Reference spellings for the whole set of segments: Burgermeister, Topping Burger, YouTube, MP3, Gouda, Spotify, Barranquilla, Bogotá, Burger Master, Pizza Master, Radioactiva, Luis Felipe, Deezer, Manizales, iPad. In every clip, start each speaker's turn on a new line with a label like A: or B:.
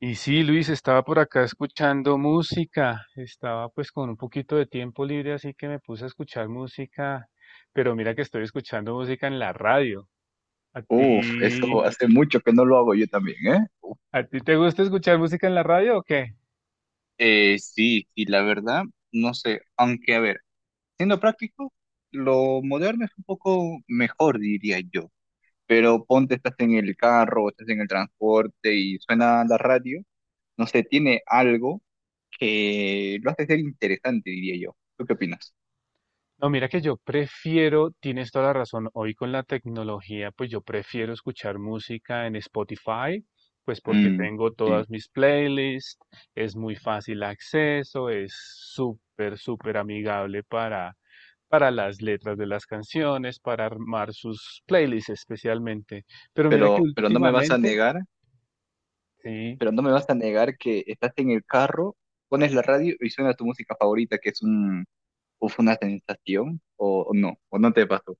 A: Y sí, Luis, estaba por acá escuchando música, estaba pues con un poquito de tiempo libre, así que me puse a escuchar música, pero mira que estoy escuchando música en la radio. ¿A
B: Uf,
A: ti,
B: eso hace mucho que no lo hago yo también, ¿eh?
A: a ti te gusta escuchar música en la radio o qué?
B: Sí, y la verdad, no sé, aunque a ver, siendo práctico, lo moderno es un poco mejor, diría yo, pero ponte, estás en el carro, estás en el transporte y suena la radio, no sé, tiene algo que lo hace ser interesante, diría yo. ¿Tú qué opinas?
A: No, mira que yo prefiero, tienes toda la razón, hoy con la tecnología, pues yo prefiero escuchar música en Spotify, pues porque
B: Mm,
A: tengo
B: sí.
A: todas mis playlists, es muy fácil acceso, es súper, súper amigable para las letras de las canciones, para armar sus playlists especialmente. Pero mira que
B: Pero no me vas a
A: últimamente,
B: negar,
A: sí,
B: pero no me vas a negar que estás en el carro, pones la radio y suena tu música favorita, que es un, o fue una sensación o no te pasó.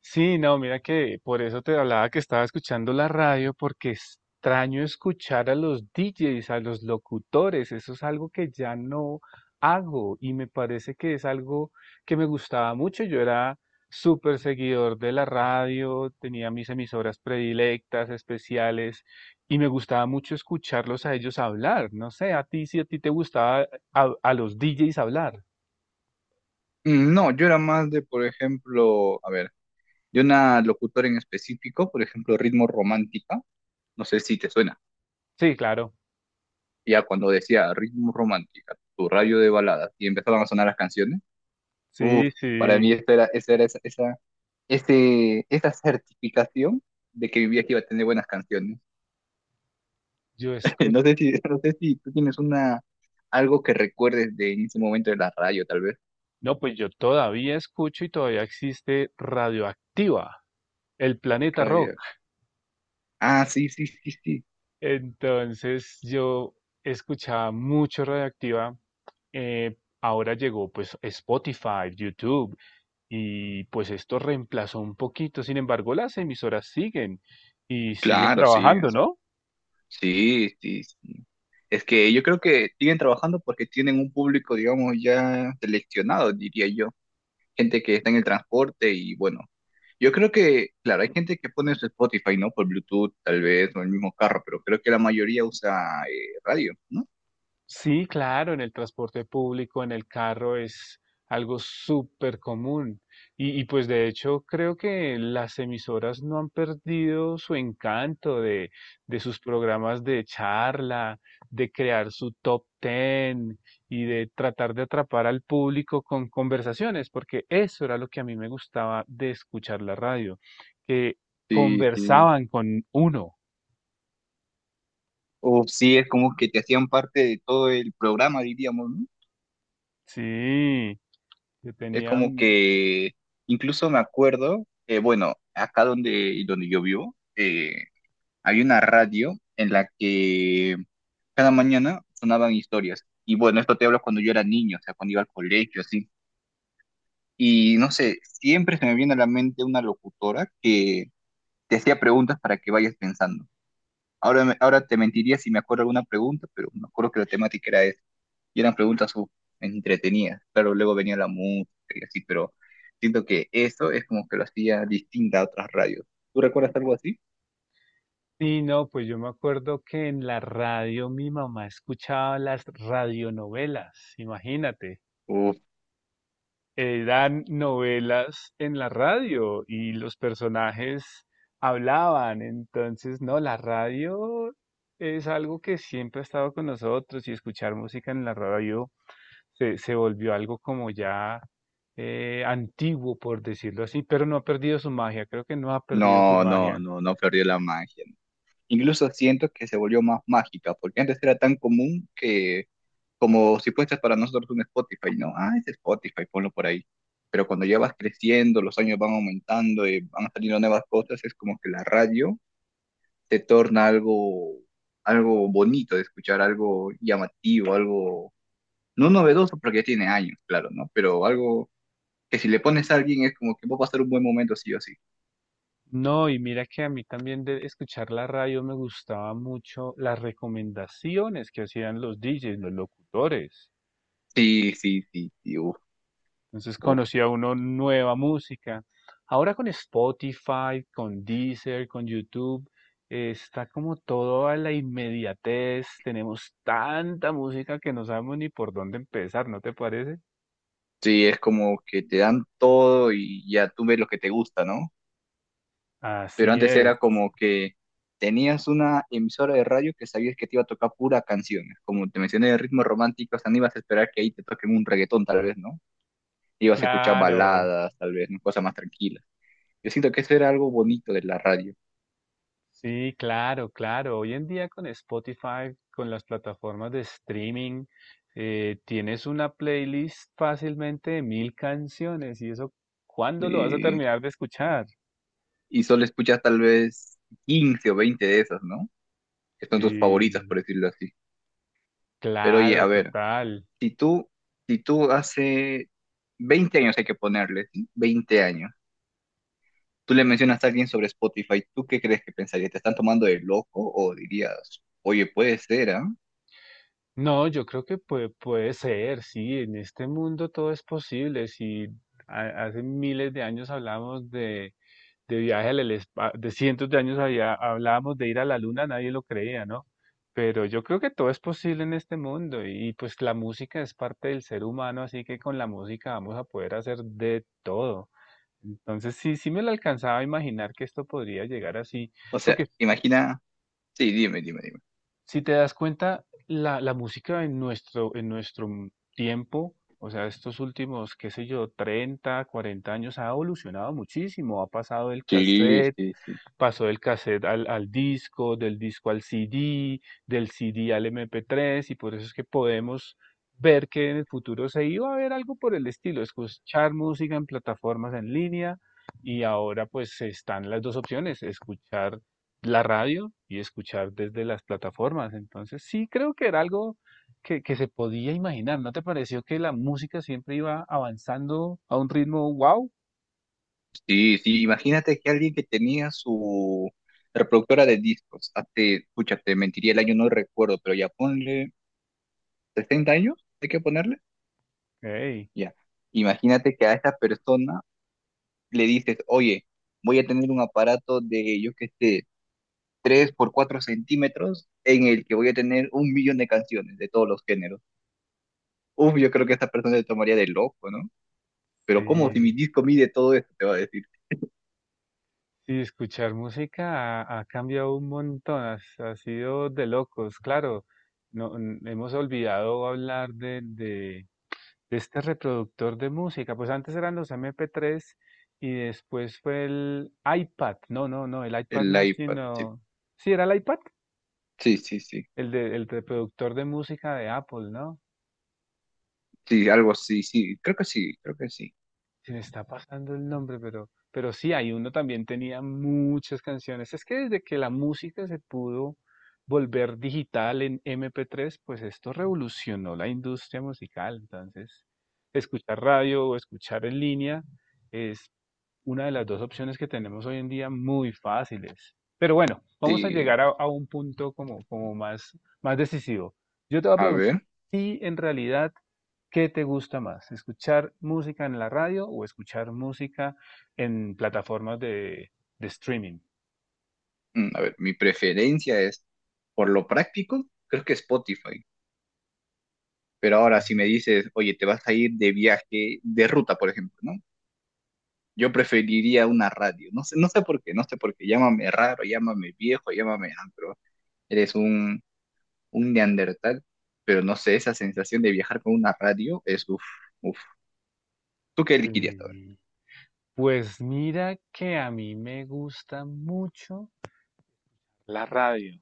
A: sí, no, mira que por eso te hablaba que estaba escuchando la radio, porque extraño escuchar a los DJs, a los locutores, eso es algo que ya no hago y me parece que es algo que me gustaba mucho. Yo era súper seguidor de la radio, tenía mis emisoras predilectas, especiales, y me gustaba mucho escucharlos a ellos hablar. No sé, a ti si a ti te gustaba a los DJs hablar.
B: Mm, no, yo era más de, por ejemplo, a ver, de una locutora en específico, por ejemplo, Ritmo Romántica, no sé si te suena,
A: Sí, claro.
B: ya cuando decía Ritmo Romántica, tu radio de baladas, y empezaban a sonar las canciones, uff,
A: Sí,
B: para
A: sí.
B: mí esta era esa, esa, esa certificación de que vivía que iba a tener buenas canciones.
A: Yo escucho.
B: No sé si, no sé si tú tienes una, algo que recuerdes de en ese momento de la radio, tal vez.
A: No, pues yo todavía escucho y todavía existe Radioactiva, el planeta
B: Radio.
A: rock.
B: Ah, sí, sí, sí, sí.
A: Entonces yo escuchaba mucho Radioactiva. eh, Ahora llegó pues Spotify, YouTube y pues esto reemplazó un poquito. Sin embargo, las emisoras siguen y siguen
B: Claro, sí,
A: trabajando,
B: sí,
A: ¿no?
B: sí, sí, sí. Es que yo creo que siguen trabajando porque tienen un público, digamos, ya seleccionado, diría yo. Gente que está en el transporte y bueno, yo creo que, claro, hay gente que pone su Spotify, ¿no? Por Bluetooth, tal vez, o el mismo carro, pero creo que la mayoría usa radio, ¿no?
A: Sí, claro, en el transporte público, en el carro es algo súper común. Pues de hecho creo que las emisoras no han perdido su encanto de sus programas de charla, de crear su top ten y de tratar de atrapar al público con conversaciones, porque eso era lo que a mí me gustaba de escuchar la radio, que
B: Sí, sí.
A: conversaban con uno.
B: O sí, es como que te hacían parte de todo el programa, diríamos, ¿no?
A: Sí, que
B: Es como
A: tenían.
B: que incluso me acuerdo, bueno, acá donde, donde yo vivo, había una radio en la que cada mañana sonaban historias. Y bueno, esto te hablo cuando yo era niño, o sea, cuando iba al colegio, así. Y no sé, siempre se me viene a la mente una locutora que te hacía preguntas para que vayas pensando. Ahora, ahora te mentiría si me acuerdo alguna pregunta, pero me acuerdo que la temática era esa. Y eran preguntas entretenidas. Claro, luego venía la música y así, pero siento que eso es como que lo hacía distinta a otras radios. ¿Tú recuerdas algo así?
A: Sí, no, pues yo me acuerdo que en la radio mi mamá escuchaba las radionovelas, imagínate.
B: Uf,
A: Eran novelas en la radio y los personajes hablaban, entonces, no, la radio es algo que siempre ha estado con nosotros y escuchar música en la radio se volvió algo como ya antiguo, por decirlo así, pero no ha perdido su magia, creo que no ha perdido su
B: no, no,
A: magia.
B: no, no perdió la magia. No. Incluso siento que se volvió más mágica, porque antes era tan común que como si fuese para nosotros un Spotify, ¿no? Ah, es Spotify, ponlo por ahí. Pero cuando ya vas creciendo, los años van aumentando y van saliendo nuevas cosas, es como que la radio te torna algo, algo bonito de escuchar, algo llamativo, algo, no novedoso porque ya tiene años, claro, ¿no? Pero algo que si le pones a alguien es como que va a pasar un buen momento sí o sí.
A: No, y mira que a mí también de escuchar la radio me gustaba mucho las recomendaciones que hacían los DJs, los locutores.
B: Sí, sí, sí, sí, uf,
A: Entonces
B: uf.
A: conocía uno nueva música. Ahora con Spotify, con Deezer, con YouTube, está como todo a la inmediatez. Tenemos tanta música que no sabemos ni por dónde empezar, ¿no te parece?
B: Sí, es como que te dan todo y ya tú ves lo que te gusta, ¿no? Pero
A: Así
B: antes
A: es,
B: era como que tenías una emisora de radio que sabías que te iba a tocar pura canciones. Como te mencioné de ritmos románticos, no ibas a esperar que ahí te toquen un reggaetón tal vez, ¿no? Ibas a escuchar
A: claro.
B: baladas, tal vez, ¿no? Cosas más tranquilas. Yo siento que eso era algo bonito de la radio.
A: Sí, claro, claro. Hoy en día con Spotify, con las plataformas de streaming, tienes una playlist fácilmente de 1.000 canciones y eso, ¿cuándo lo vas a
B: eh,
A: terminar de escuchar?
B: y solo escuchas tal vez 15 o 20 de esas, ¿no? Que son tus favoritas,
A: Sí,
B: por decirlo así. Pero oye,
A: claro,
B: a ver.
A: total.
B: Si tú, si tú hace 20 años hay que ponerle, ¿sí? 20 años, tú le mencionas a alguien sobre Spotify, ¿tú qué crees que pensaría? ¿Te están tomando de loco o dirías, oye, puede ser, ¿ah?
A: No, yo creo que puede, puede ser, sí, en este mundo todo es posible. Si hace miles de años hablamos de viaje al espacio, de cientos de años había, hablábamos de ir a la luna, nadie lo creía, ¿no? Pero yo creo que todo es posible en este mundo y pues la música es parte del ser humano, así que con la música vamos a poder hacer de todo. Entonces sí, sí me lo alcanzaba a imaginar que esto podría llegar así,
B: O sea,
A: porque
B: imagina, sí, dime, dime, dime.
A: si te das cuenta, la música en nuestro tiempo, o sea, estos últimos, qué sé yo, 30, 40 años ha evolucionado muchísimo, ha pasado del
B: Sí,
A: cassette
B: sí, sí.
A: pasó del cassette al disco, del disco al CD, del CD al MP3, y por eso es que podemos ver que en el futuro se iba a ver algo por el estilo, escuchar música en plataformas en línea, y ahora pues están las dos opciones, escuchar la radio y escuchar desde las plataformas. Entonces sí creo que era algo que se podía imaginar. ¿No te pareció que la música siempre iba avanzando a un ritmo wow?
B: Sí, sí, imagínate que alguien que tenía su reproductora de discos, hace, escucha, te mentiría el año, no recuerdo, pero ya ponle 60 años, hay que ponerle,
A: Ey,
B: ya. Imagínate que a esta persona le dices, oye, voy a tener un aparato de, yo que sé, 3 por 4 centímetros en el que voy a tener un millón de canciones de todos los géneros. Uf, yo creo que esta persona se tomaría de loco, ¿no? Pero ¿cómo si mi
A: sí.
B: disco mide todo esto? Te va a decir
A: Sí, escuchar música ha cambiado un montón, ha sido de locos, claro. No, hemos olvidado hablar de este reproductor de música. Pues antes eran los MP3 y después fue el iPad. No, no, no, el iPad
B: el
A: no,
B: iPad. Sí,
A: sino... Sí, era el iPad,
B: sí, sí, sí.
A: el reproductor de música de Apple, ¿no?
B: Sí, algo así, sí. Creo que sí, creo que sí.
A: Se me está pasando el nombre, pero sí, hay uno también tenía muchas canciones. Es que desde que la música se pudo volver digital en MP3, pues esto revolucionó la industria musical. Entonces, escuchar radio o escuchar en línea es una de las dos opciones que tenemos hoy en día muy fáciles. Pero bueno, vamos a
B: Sí.
A: llegar a un punto como más decisivo. Yo te voy a
B: A
A: preguntar,
B: ver,
A: ¿y en realidad qué te gusta más? ¿Escuchar música en la radio o escuchar música en plataformas de streaming?
B: a ver, mi preferencia es, por lo práctico, creo que Spotify. Pero ahora si me dices, oye, te vas a ir de viaje, de ruta, por ejemplo, ¿no? Yo preferiría una radio. No sé, no sé por qué, no sé por qué. Llámame raro, llámame viejo, llámame ah, pero eres un neandertal, pero no sé, esa sensación de viajar con una radio es uff, uff. ¿Tú qué elegirías a
A: Sí, pues mira que a mí me gusta mucho la radio.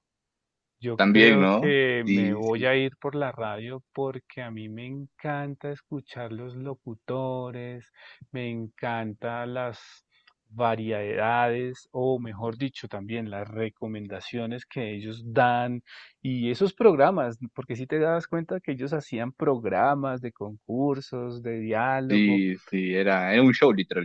A: Yo
B: también,
A: creo
B: ¿no?
A: que me
B: Sí,
A: voy
B: sí,
A: a ir por la radio porque a mí me encanta escuchar los locutores, me encanta las variedades o mejor dicho también las recomendaciones que ellos dan y esos programas, porque si te das cuenta que ellos hacían programas de concursos, de diálogo.
B: sí, sí, era, era un show literal,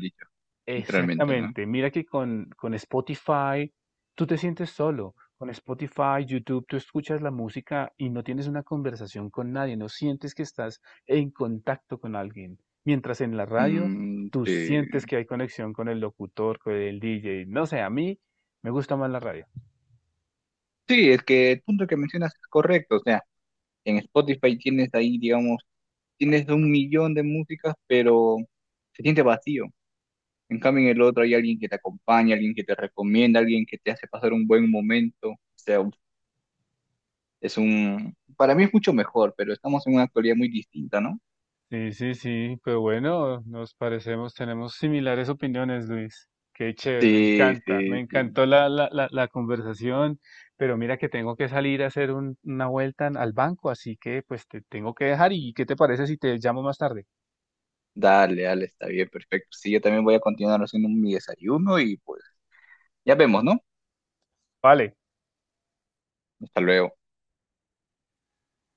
B: literalmente, ¿no?
A: Exactamente. Mira que con Spotify tú te sientes solo. Con Spotify, YouTube, tú escuchas la música y no tienes una conversación con nadie, no sientes que estás en contacto con alguien. Mientras en la radio,
B: Mm,
A: tú
B: sí.
A: sientes que hay conexión con el locutor, con el DJ. No sé, a mí me gusta más la radio.
B: Sí, es que el punto que mencionas es correcto, o sea, en Spotify tienes ahí, digamos, tienes un millón de músicas, pero se siente vacío. En cambio, en el otro hay alguien que te acompaña, alguien que te recomienda, alguien que te hace pasar un buen momento. O sea, es un, para mí es mucho mejor, pero estamos en una actualidad muy distinta, ¿no?
A: Sí, sí, sí, pues bueno, nos parecemos, tenemos similares opiniones, Luis. Qué chévere, me
B: Sí,
A: encanta, me
B: sí, sí.
A: encantó la conversación, pero mira que tengo que salir a hacer una vuelta al banco, así que pues te tengo que dejar y ¿qué te parece si te llamo más tarde?
B: Dale, dale, está bien, perfecto. Sí, yo también voy a continuar haciendo mi desayuno y pues ya vemos, ¿no?
A: Vale.
B: Hasta luego.